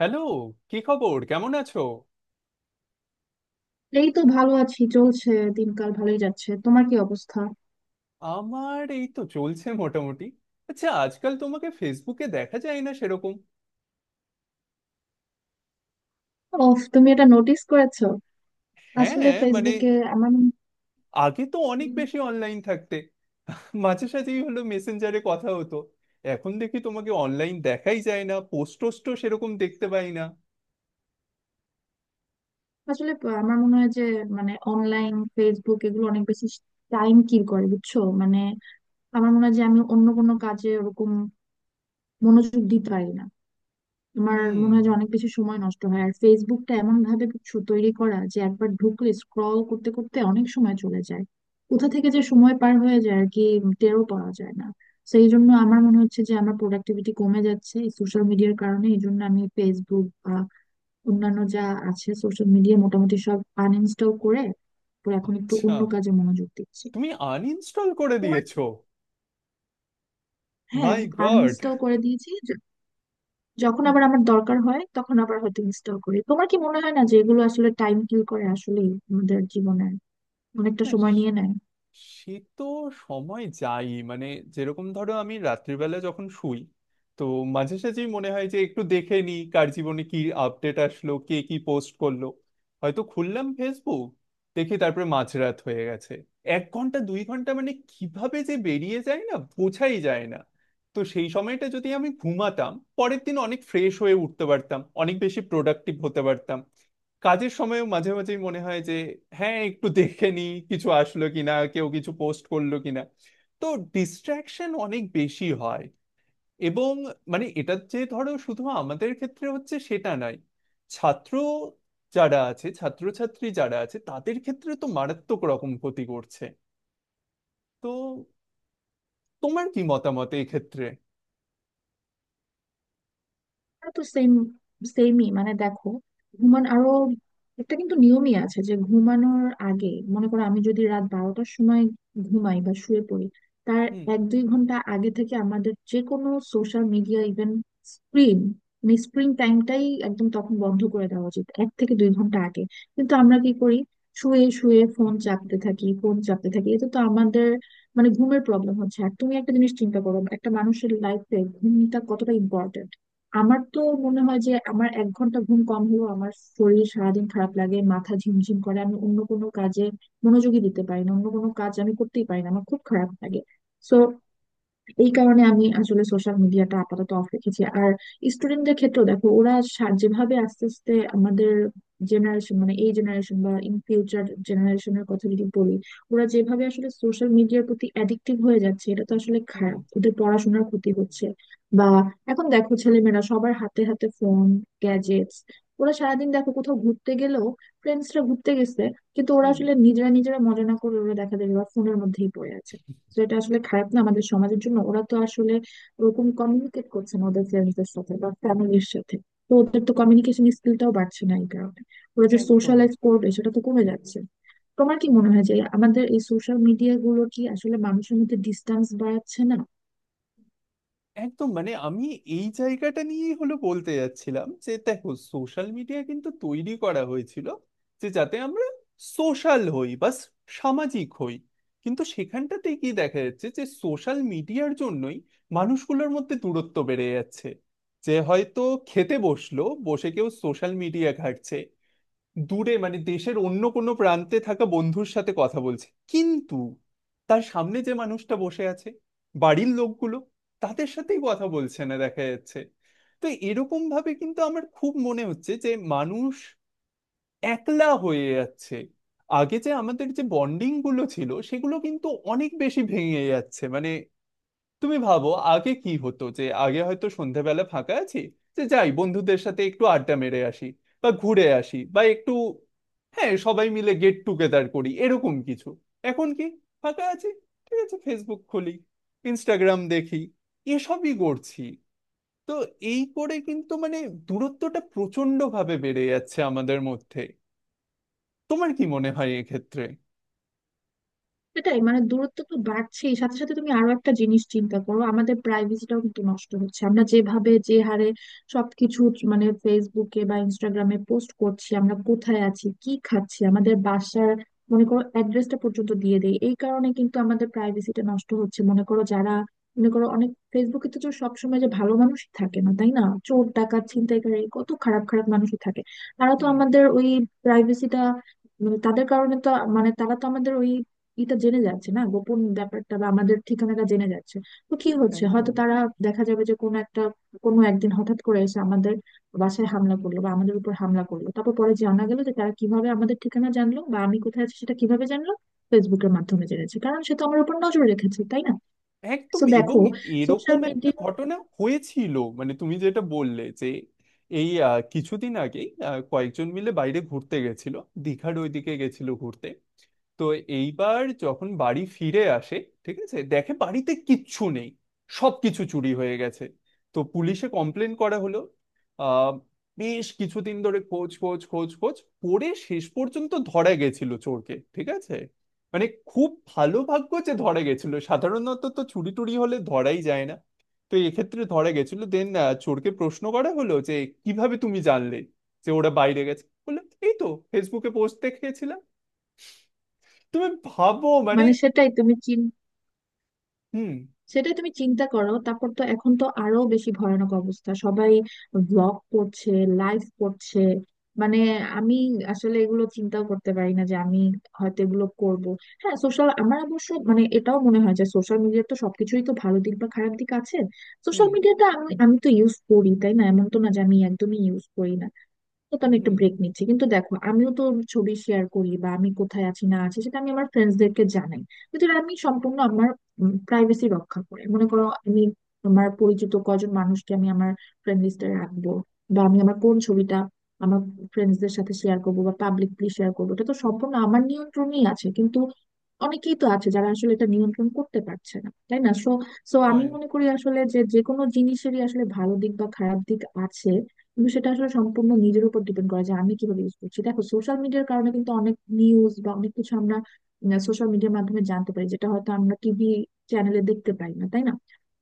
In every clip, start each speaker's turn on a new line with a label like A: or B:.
A: Hello. কি খবর, কেমন আছো?
B: এই তো ভালো আছি, চলছে। দিনকাল ভালোই যাচ্ছে, তোমার কি অবস্থা?
A: আমার এই তো চলছে মোটামুটি। আচ্ছা, আজকাল তোমাকে ফেসবুকে দেখা যায় না সেরকম।
B: অফ, তুমি এটা নোটিস করেছো? আসলে
A: হ্যাঁ, মানে
B: ফেসবুকে আমার মনে-
A: আগে তো অনেক বেশি অনলাইন থাকতে, মাঝে সাঝেই হলো মেসেঞ্জারে কথা হতো, এখন দেখি তোমাকে অনলাইন দেখাই যায় না, পোস্ট টোস্টও সেরকম দেখতে পাই না।
B: আসলে আমার মনে হয় যে মানে অনলাইন ফেসবুক এগুলো অনেক বেশি টাইম কিল করে, বুঝছো? মানে আমার মনে হয় যে আমি অন্য কোনো কাজে ওরকম মনোযোগ দিতে পারি না। আমার
A: হুম।
B: মনে হয় যে অনেক বেশি সময় নষ্ট হয়, আর ফেসবুকটা এমন ভাবে কিছু তৈরি করা যে একবার ঢুকলে স্ক্রল করতে করতে অনেক সময় চলে যায়। কোথা থেকে যে সময় পার হয়ে যায় আর কি, টেরও পাওয়া যায় না। সেই জন্য আমার মনে হচ্ছে যে আমার প্রোডাক্টিভিটি কমে যাচ্ছে এই সোশ্যাল মিডিয়ার কারণে। এই জন্য আমি ফেসবুক বা অন্যান্য যা আছে সোশ্যাল মিডিয়া মোটামুটি সব আনইনস্টল করে তারপর এখন একটু
A: আচ্ছা,
B: অন্য কাজে মনোযোগ দিচ্ছি।
A: তুমি আনইনস্টল করে
B: তোমার কি-
A: দিয়েছো?
B: হ্যাঁ,
A: মাই গড।
B: আনইনস্টল করে দিয়েছি। যখন আবার আমার দরকার হয় তখন আবার হয়তো ইনস্টল করি। তোমার কি মনে হয় না যে এগুলো আসলে টাইম কিল করে আসলে আমাদের জীবনে অনেকটা সময় নিয়ে নেয়?
A: সে তো সময়, যাই মানে, যেরকম ধরো আমি রাত্রিবেলা যখন শুই, তো মাঝে সাঝেই মনে হয় যে একটু দেখে নি কার জীবনে কি আপডেট আসলো, কে কি পোস্ট করলো। হয়তো খুললাম ফেসবুক, দেখি তারপরে মাঝরাত হয়ে গেছে। এক ঘন্টা দুই ঘন্টা মানে কিভাবে যে বেরিয়ে যায় না, বোঝাই যায় না। তো সেই সময়টা যদি আমি ঘুমাতাম পরের দিন অনেক ফ্রেশ হয়ে উঠতে পারতাম, অনেক বেশি প্রোডাক্টিভ হতে পারতাম। কাজের সময়ও মাঝে মাঝেই মনে হয় যে হ্যাঁ, একটু দেখে নি কিছু আসলো কিনা, কেউ কিছু পোস্ট করলো কিনা। তো ডিস্ট্রাকশন অনেক বেশি হয়। এবং মানে এটা যে ধরো শুধু আমাদের ক্ষেত্রে হচ্ছে সেটা নয়, ছাত্র যারা আছে, ছাত্রছাত্রী যারা আছে তাদের ক্ষেত্রে তো মারাত্মক রকম ক্ষতি করছে। তো তোমার কি মতামত এই ক্ষেত্রে?
B: তো সেমই মানে দেখো, ঘুমান আরো একটা কিন্তু নিয়মই আছে যে ঘুমানোর আগে, মনে করো আমি যদি রাত 12টার সময় ঘুমাই বা শুয়ে পড়ি, তার
A: হুম।
B: 1-2 ঘন্টা আগে থেকে আমাদের যে কোনো সোশ্যাল মিডিয়া ইভেন স্ক্রিন মানে স্ক্রিন টাইমটাই একদম তখন বন্ধ করে দেওয়া উচিত, 1 থেকে 2 ঘন্টা আগে। কিন্তু আমরা কি করি? শুয়ে শুয়ে ফোন চাপতে থাকি, ফোন চাপতে থাকি, এতে তো আমাদের মানে ঘুমের প্রবলেম হচ্ছে। আর তুমি একটা জিনিস চিন্তা করো, একটা মানুষের লাইফে ঘুমটা কতটা ইম্পর্টেন্ট। আমার তো মনে হয় যে আমার 1 ঘন্টা ঘুম কম হলেও আমার শরীর সারাদিন খারাপ লাগে, মাথা ঝিমঝিম করে, আমি অন্য কোনো কাজে মনোযোগী দিতে পারি না, অন্য কোনো কাজ আমি করতেই পারি না, আমার খুব খারাপ লাগে। সো এই কারণে আমি আসলে সোশ্যাল মিডিয়াটা আপাতত অফ রেখেছি। আর স্টুডেন্টদের ক্ষেত্রেও দেখো, ওরা যেভাবে আস্তে আস্তে আমাদের জেনারেশন মানে এই জেনারেশন বা ইন ফিউচার জেনারেশনের কথা যদি বলি, ওরা যেভাবে আসলে সোশ্যাল মিডিয়ার প্রতি অ্যাডিক্টিভ হয়ে যাচ্ছে, এটা তো আসলে
A: হুম।
B: খারাপ, ওদের পড়াশোনার ক্ষতি হচ্ছে। বা এখন দেখো ছেলেমেয়েরা সবার হাতে হাতে ফোন, গ্যাজেটস। ওরা সারাদিন দেখো, কোথাও ঘুরতে গেলেও, ফ্রেন্ডসরা ঘুরতে গেছে, কিন্তু ওরা
A: হুম।
B: আসলে নিজেরা নিজেরা মজা না করে ওরা দেখা যায় ফোনের মধ্যেই পড়ে আছে। তো এটা আসলে খারাপ না আমাদের সমাজের জন্য? ওরা তো আসলে ওরকম কমিউনিকেট করছে না ওদের ফ্রেন্ডসদের সাথে বা ফ্যামিলির সাথে, তো ওদের তো কমিউনিকেশন স্কিলটাও বাড়ছে না এই কারণে, ওরা যে
A: একদম।
B: সোশ্যালাইজ করবে সেটা তো কমে যাচ্ছে। তোমার কি মনে হয় যে আমাদের এই সোশ্যাল মিডিয়া গুলো কি আসলে মানুষের মধ্যে ডিস্টেন্স বাড়াচ্ছে না?
A: একদম মানে আমি এই জায়গাটা নিয়েই হলো বলতে যাচ্ছিলাম যে দেখো, সোশ্যাল মিডিয়া কিন্তু তৈরি করা হয়েছিল যে যাতে আমরা সোশ্যাল হই বা সামাজিক হই। কিন্তু সেখানটাতে কি দেখা যাচ্ছে যে সোশ্যাল মিডিয়ার জন্যই মানুষগুলোর মধ্যে দূরত্ব বেড়ে যাচ্ছে। যে হয়তো খেতে বসলো, বসে কেউ সোশ্যাল মিডিয়া ঘাঁটছে, দূরে মানে দেশের অন্য কোনো প্রান্তে থাকা বন্ধুর সাথে কথা বলছে, কিন্তু তার সামনে যে মানুষটা বসে আছে, বাড়ির লোকগুলো, তাদের সাথেই কথা বলছে না দেখা যাচ্ছে। তো এরকম ভাবে কিন্তু আমার খুব মনে হচ্ছে যে মানুষ একলা হয়ে যাচ্ছে। আগে যে আমাদের যে বন্ডিং গুলো ছিল সেগুলো কিন্তু অনেক বেশি ভেঙে যাচ্ছে মানে। তুমি ভাবো আগে কি হতো, যে আগে হয়তো সন্ধ্যাবেলা ফাঁকা আছি, যে যাই বন্ধুদের সাথে একটু আড্ডা মেরে আসি বা ঘুরে আসি বা একটু, হ্যাঁ, সবাই মিলে গেট টুগেদার করি এরকম কিছু। এখন কি, ফাঁকা আছি, ঠিক আছে ফেসবুক খুলি, ইনস্টাগ্রাম দেখি, এসবই করছি। তো এই করে কিন্তু মানে দূরত্বটা প্রচন্ড ভাবে বেড়ে যাচ্ছে আমাদের মধ্যে। তোমার কি মনে হয় এক্ষেত্রে?
B: সেটাই মানে দূরত্ব তো বাড়ছেই, সাথে সাথে তুমি আরো একটা জিনিস চিন্তা করো, আমাদের প্রাইভেসিটাও কিন্তু নষ্ট হচ্ছে। আমরা যেভাবে যে হারে সবকিছু মানে ফেসবুকে বা ইনস্টাগ্রামে পোস্ট করছি, আমরা কোথায় আছি, কি খাচ্ছি, আমাদের বাসার মনে করো অ্যাড্রেসটা পর্যন্ত দিয়ে দেই, এই কারণে কিন্তু আমাদের প্রাইভেসিটা নষ্ট হচ্ছে। মনে করো যারা, মনে করো অনেক ফেসবুকে তো সবসময় যে ভালো মানুষ থাকে না, তাই না? চোর, ডাকাত, ছিনতাইকারী, কত খারাপ খারাপ মানুষই থাকে। তারা তো
A: হুম।
B: আমাদের ওই প্রাইভেসিটা, মানে তাদের কারণে তো মানে তারা তো আমাদের ওই এটা জেনে যাচ্ছে না, গোপন ব্যাপারটা বা আমাদের ঠিকানাটা জেনে যাচ্ছে। তো কি হচ্ছে, হয়তো
A: একদম।
B: তারা দেখা যাবে যে কোনো একটা, কোনো একদিন হঠাৎ করে এসে আমাদের বাসায় হামলা করলো বা আমাদের উপর হামলা করলো, তারপর পরে জানা গেল যে তারা কিভাবে আমাদের ঠিকানা জানলো বা আমি কোথায় আছি সেটা কিভাবে জানলো, ফেসবুকের মাধ্যমে জেনেছে, কারণ সে তো আমার উপর নজর রেখেছে, তাই না?
A: একদম।
B: তো
A: এবং
B: দেখো সোশ্যাল
A: এরকম একটা
B: মিডিয়া
A: ঘটনা হয়েছিল মানে তুমি যেটা বললে যে, এই কিছুদিন আগেই কয়েকজন মিলে বাইরে ঘুরতে গেছিল, দীঘার ওইদিকে গেছিল ঘুরতে। তো এইবার যখন বাড়ি ফিরে আসে, ঠিক আছে, দেখে বাড়িতে কিচ্ছু নেই, সব কিছু চুরি হয়ে গেছে। তো পুলিশে কমপ্লেন করা হলো। আহ বেশ কিছুদিন ধরে খোঁজ খোঁজ খোঁজ খোঁজ, পরে শেষ পর্যন্ত ধরা গেছিল চোরকে। ঠিক আছে, মানে খুব ভালো ভাগ্য যে ধরা গেছিল, সাধারণত তো চুরি টুরি হলে ধরাই যায় না। তো এক্ষেত্রে ধরা গেছিল, দেন চোরকে প্রশ্ন করা হলো যে কিভাবে তুমি জানলে যে ওরা বাইরে গেছে। বললো, এই তো ফেসবুকে পোস্ট দেখেছিলাম। তুমি ভাবো মানে।
B: মানে
A: হুম।
B: সেটাই তুমি চিন্তা করো। তারপর তো এখন তো আরো বেশি ভয়ানক অবস্থা, সবাই ব্লগ করছে, লাইভ করছে। মানে আমি আসলে এগুলো চিন্তাও করতে পারি না যে আমি হয়তো এগুলো করব। হ্যাঁ, সোশ্যাল আমার অবশ্য মানে এটাও মনে হয় যে সোশ্যাল মিডিয়ার তো সবকিছুই তো ভালো দিক বা খারাপ দিক আছে।
A: হুম।
B: সোশ্যাল মিডিয়াটা আমি আমি তো ইউজ করি, তাই না? এমন তো না যে আমি একদমই ইউজ করি না। তো তো আমি একটু
A: হুম।
B: ব্রেক নিচ্ছি, কিন্তু দেখো আমিও তো ছবি শেয়ার করি বা আমি কোথায় আছি না আছি সেটা আমি আমার ফ্রেন্ডসদেরকে জানাই, কিন্তু এটা আমি সম্পূর্ণ আমার প্রাইভেসি রক্ষা করে। মনে করো আমি আমার পরিচিত কজন মানুষকে আমি আমার ফ্রেন্ড লিস্টে রাখবো, বা আমি আমার কোন ছবিটা আমার ফ্রেন্ডসদের সাথে শেয়ার করবো বা পাবলিকলি শেয়ার করবো, এটা তো সম্পূর্ণ আমার নিয়ন্ত্রণেই আছে। কিন্তু অনেকেই তো আছে যারা আসলে এটা নিয়ন্ত্রণ করতে পারছে না, তাই না? সো সো আমি
A: পয়েন্ট।
B: মনে করি আসলে যে যে কোনো জিনিসেরই আসলে ভালো দিক বা খারাপ দিক আছে, কিন্তু সেটা আসলে সম্পূর্ণ নিজের উপর ডিপেন্ড করা যায় আমি কিভাবে ইউজ করছি। দেখো সোশ্যাল মিডিয়ার কারণে কিন্তু অনেক নিউজ বা অনেক কিছু আমরা সোশ্যাল মিডিয়ার মাধ্যমে জানতে পারি, যেটা হয়তো আমরা টিভি চ্যানেলে দেখতে পাই না, তাই না?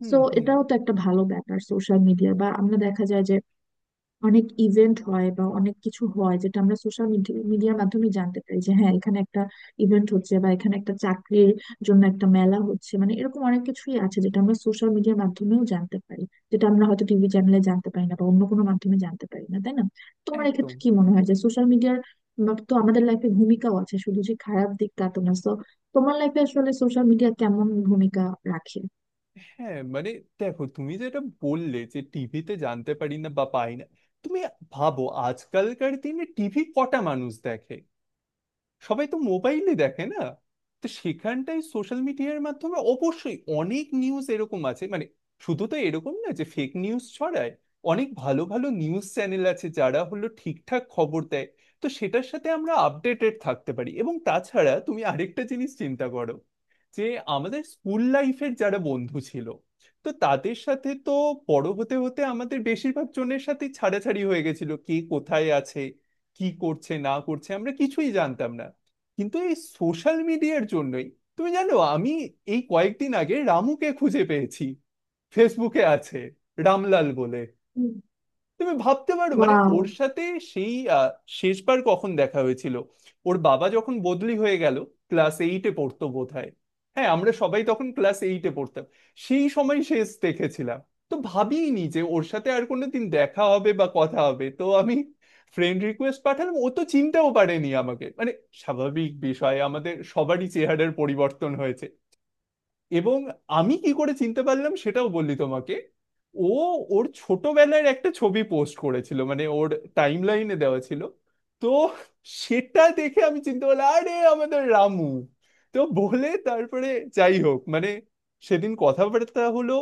A: হুম।
B: সো
A: হুম।
B: এটাও তো একটা ভালো ব্যাপার সোশ্যাল মিডিয়া। বা আমরা দেখা যায় যে অনেক ইভেন্ট হয় বা অনেক কিছু হয় যেটা আমরা সোশ্যাল মিডিয়ার মাধ্যমে জানতে পারি, যে হ্যাঁ এখানে একটা ইভেন্ট হচ্ছে বা এখানে একটা চাকরির জন্য একটা মেলা হচ্ছে, মানে এরকম অনেক কিছুই আছে যেটা আমরা সোশ্যাল মিডিয়ার মাধ্যমেও জানতে পারি, যেটা আমরা হয়তো টিভি চ্যানেলে জানতে পারি না বা অন্য কোনো মাধ্যমে জানতে পারি না, তাই না? তোমার
A: একদম।
B: এক্ষেত্রে কি মনে হয় যে সোশ্যাল মিডিয়ার তো আমাদের লাইফে ভূমিকাও আছে, শুধু যে খারাপ দিক তা তো না। So, তোমার লাইফে আসলে সোশ্যাল মিডিয়া কেমন ভূমিকা রাখে?
A: হ্যাঁ, মানে দেখো তুমি যেটা বললে যে টিভিতে জানতে পারি না বা পাই না, তুমি ভাবো আজকালকার দিনে টিভি কটা মানুষ দেখে, সবাই তো মোবাইলে দেখে না। তো সেখানটাই সোশ্যাল মিডিয়ার মাধ্যমে অবশ্যই অনেক নিউজ এরকম আছে মানে। শুধু তো এরকম না যে ফেক নিউজ ছড়ায়, অনেক ভালো ভালো নিউজ চ্যানেল আছে যারা হলো ঠিকঠাক খবর দেয়। তো সেটার সাথে আমরা আপডেটেড থাকতে পারি। এবং তাছাড়া তুমি আরেকটা জিনিস চিন্তা করো, যে আমাদের স্কুল লাইফের যারা বন্ধু ছিল, তো তাদের সাথে তো বড় হতে হতে আমাদের বেশিরভাগ জনের সাথে ছাড়াছাড়ি হয়ে গেছিল, কে কোথায় আছে, কি করছে না করছে আমরা কিছুই জানতাম না। কিন্তু এই সোশ্যাল মিডিয়ার জন্যই, তুমি জানো, আমি এই কয়েকদিন আগে রামুকে খুঁজে পেয়েছি। ফেসবুকে আছে, রামলাল বলে।
B: হুম।
A: তুমি ভাবতে পারো মানে
B: ওয়াও।
A: ওর সাথে সেই শেষবার কখন দেখা হয়েছিল, ওর বাবা যখন বদলি হয়ে গেল, ক্লাস এইটে পড়তো বোধহয়। হ্যাঁ, আমরা সবাই তখন ক্লাস এইটে পড়তাম। সেই সময় শেষ দেখেছিলাম। তো ভাবিনি যে ওর সাথে আর কোনোদিন দেখা হবে বা কথা হবে। তো আমি ফ্রেন্ড রিকোয়েস্ট পাঠালাম, ও তো চিনতেও পারেনি আমাকে, মানে স্বাভাবিক বিষয়, আমাদের সবারই চেহারার পরিবর্তন হয়েছে। এবং আমি কি করে চিনতে পারলাম সেটাও বললি তোমাকে, ও ওর ছোটবেলার একটা ছবি পোস্ট করেছিল, মানে ওর টাইম লাইনে দেওয়া ছিল। তো সেটা দেখে আমি চিনতে পারলাম আরে আমাদের রামু তো, বলে তারপরে যাই হোক মানে সেদিন কথাবার্তা হলো,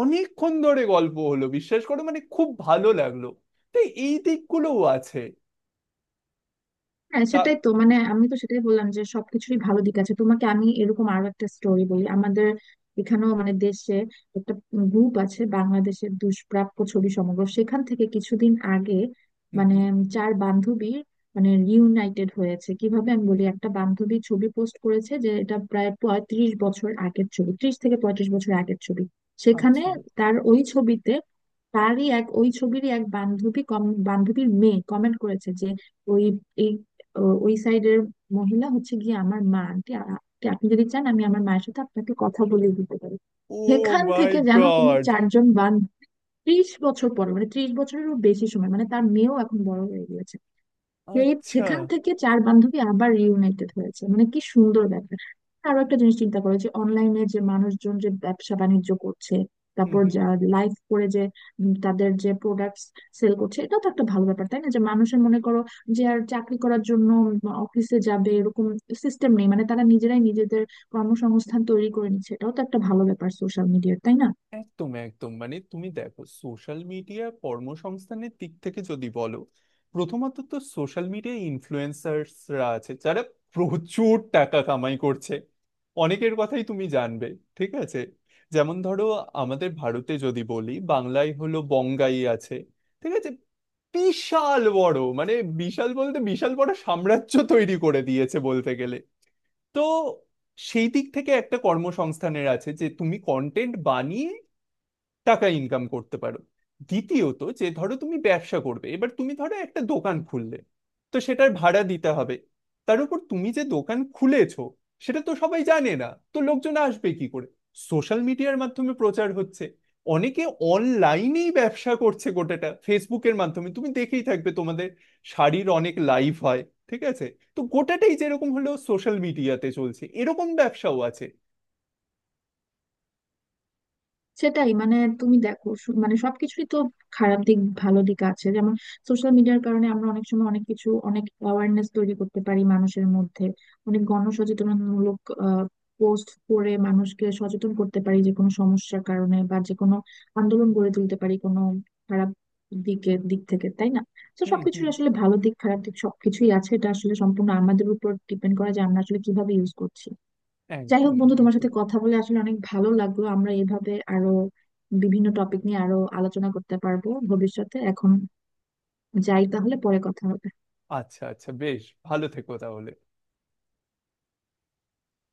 A: অনেকক্ষণ ধরে গল্প হলো, বিশ্বাস করো মানে খুব ভালো লাগলো। তো এই দিকগুলোও আছে।
B: হ্যাঁ,
A: তা।
B: সেটাই তো মানে আমি তো সেটাই বললাম যে সবকিছুরই ভালো দিক আছে। তোমাকে আমি এরকম আরো একটা স্টোরি বলি, আমাদের এখানেও মানে দেশে একটা গ্রুপ আছে বাংলাদেশের দুষ্প্রাপ্য ছবি সমগ্র, সেখান থেকে কিছুদিন আগে
A: হুম।
B: মানে
A: হুম।
B: চার বান্ধবী মানে রিউনাইটেড হয়েছে। কিভাবে আমি বলি, একটা বান্ধবী ছবি পোস্ট করেছে যে এটা প্রায় 35 বছর আগের ছবি, 30 থেকে 35 বছর আগের ছবি। সেখানে
A: আচ্ছা।
B: তার ওই ছবিতে তারই এক, ওই ছবিরই এক বান্ধবী, বান্ধবীর মেয়ে কমেন্ট করেছে যে ওই, ওই সাইডের মহিলা হচ্ছে গিয়ে আমার মা, আন্টি আন্টি, আপনি যদি চান আমি আমার মায়ের সাথে আপনাকে কথা বলিয়ে দিতে পারি।
A: ও
B: সেখান
A: মাই
B: থেকে জানো তুমি,
A: গড।
B: চারজন 30 বছর পরে মানে 30 বছরেরও বেশি সময়, মানে তার মেয়েও এখন বড় হয়ে গেছে, এই
A: আচ্ছা।
B: সেখান থেকে চার বান্ধবী আবার রিউনাইটেড হয়েছে, মানে কি সুন্দর ব্যাপার। আরো একটা জিনিস চিন্তা করো, যে অনলাইনে যে মানুষজন যে ব্যবসা বাণিজ্য করছে,
A: হুম।
B: তারপর
A: হুম।
B: যা লাইভ করে, যে তাদের যে প্রোডাক্টস সেল করছে, এটা তো একটা ভালো ব্যাপার, তাই না? যে মানুষের মনে করো যে আর চাকরি করার জন্য অফিসে যাবে এরকম সিস্টেম নেই, মানে তারা নিজেরাই নিজেদের কর্মসংস্থান তৈরি করে নিচ্ছে, এটাও তো একটা ভালো ব্যাপার সোশ্যাল মিডিয়ার, তাই না?
A: একদম। একদম মানে তুমি দেখো সোশ্যাল মিডিয়া কর্মসংস্থানের দিক থেকে যদি বলো, প্রথমত তো সোশ্যাল মিডিয়া ইনফ্লুয়েন্সার্সরা আছে যারা প্রচুর টাকা কামাই করছে, অনেকের কথাই তুমি জানবে। ঠিক আছে, যেমন ধরো আমাদের ভারতে যদি বলি বাংলায় হলো বঙ্গাই আছে। ঠিক আছে, বিশাল বড় মানে বিশাল বলতে বিশাল বড় সাম্রাজ্য তৈরি করে দিয়েছে বলতে গেলে। তো সেই দিক থেকে একটা কর্মসংস্থানের আছে যে তুমি কন্টেন্ট বানিয়ে টাকা ইনকাম করতে পারো। দ্বিতীয়ত যে ধরো তুমি ব্যবসা করবে, এবার তুমি ধরো একটা দোকান খুললে, তো সেটার ভাড়া দিতে হবে। তার উপর তুমি যে দোকান খুলেছো সেটা তো সবাই জানে না, তো লোকজন আসবে কি করে? সোশ্যাল মিডিয়ার মাধ্যমে প্রচার হচ্ছে। অনেকে অনলাইনেই ব্যবসা করছে গোটাটা ফেসবুকের মাধ্যমে, তুমি দেখেই থাকবে তোমাদের শাড়ির অনেক লাইভ হয়। ঠিক আছে, তো গোটাটাই যেরকম হলো সোশ্যাল মিডিয়াতে চলছে, এরকম ব্যবসাও আছে।
B: সেটাই মানে তুমি দেখো মানে সবকিছুই তো খারাপ দিক ভালো দিক আছে। যেমন সোশ্যাল মিডিয়ার কারণে আমরা অনেক সময় অনেক কিছু, অনেক অ্যাওয়ারনেস তৈরি করতে পারি মানুষের মধ্যে, অনেক গণসচেতনমূলক পোস্ট করে মানুষকে সচেতন করতে পারি যে কোনো সমস্যার কারণে, বা যে কোনো আন্দোলন গড়ে তুলতে পারি কোনো খারাপ দিকের দিক থেকে, তাই না? তো
A: হুম।
B: সবকিছুর
A: হুম।
B: আসলে ভালো দিক খারাপ দিক সবকিছুই আছে, এটা আসলে সম্পূর্ণ আমাদের উপর ডিপেন্ড করে যে আমরা আসলে কিভাবে ইউজ করছি। যাই হোক
A: একদম।
B: বন্ধু, তোমার
A: একদম।
B: সাথে কথা বলে আসলে অনেক ভালো লাগলো। আমরা এভাবে আরো বিভিন্ন টপিক নিয়ে আরো আলোচনা করতে পারবো ভবিষ্যতে। এখন যাই তাহলে, পরে কথা হবে।
A: আচ্ছা, আচ্ছা, বেশ ভালো থেকো তাহলে।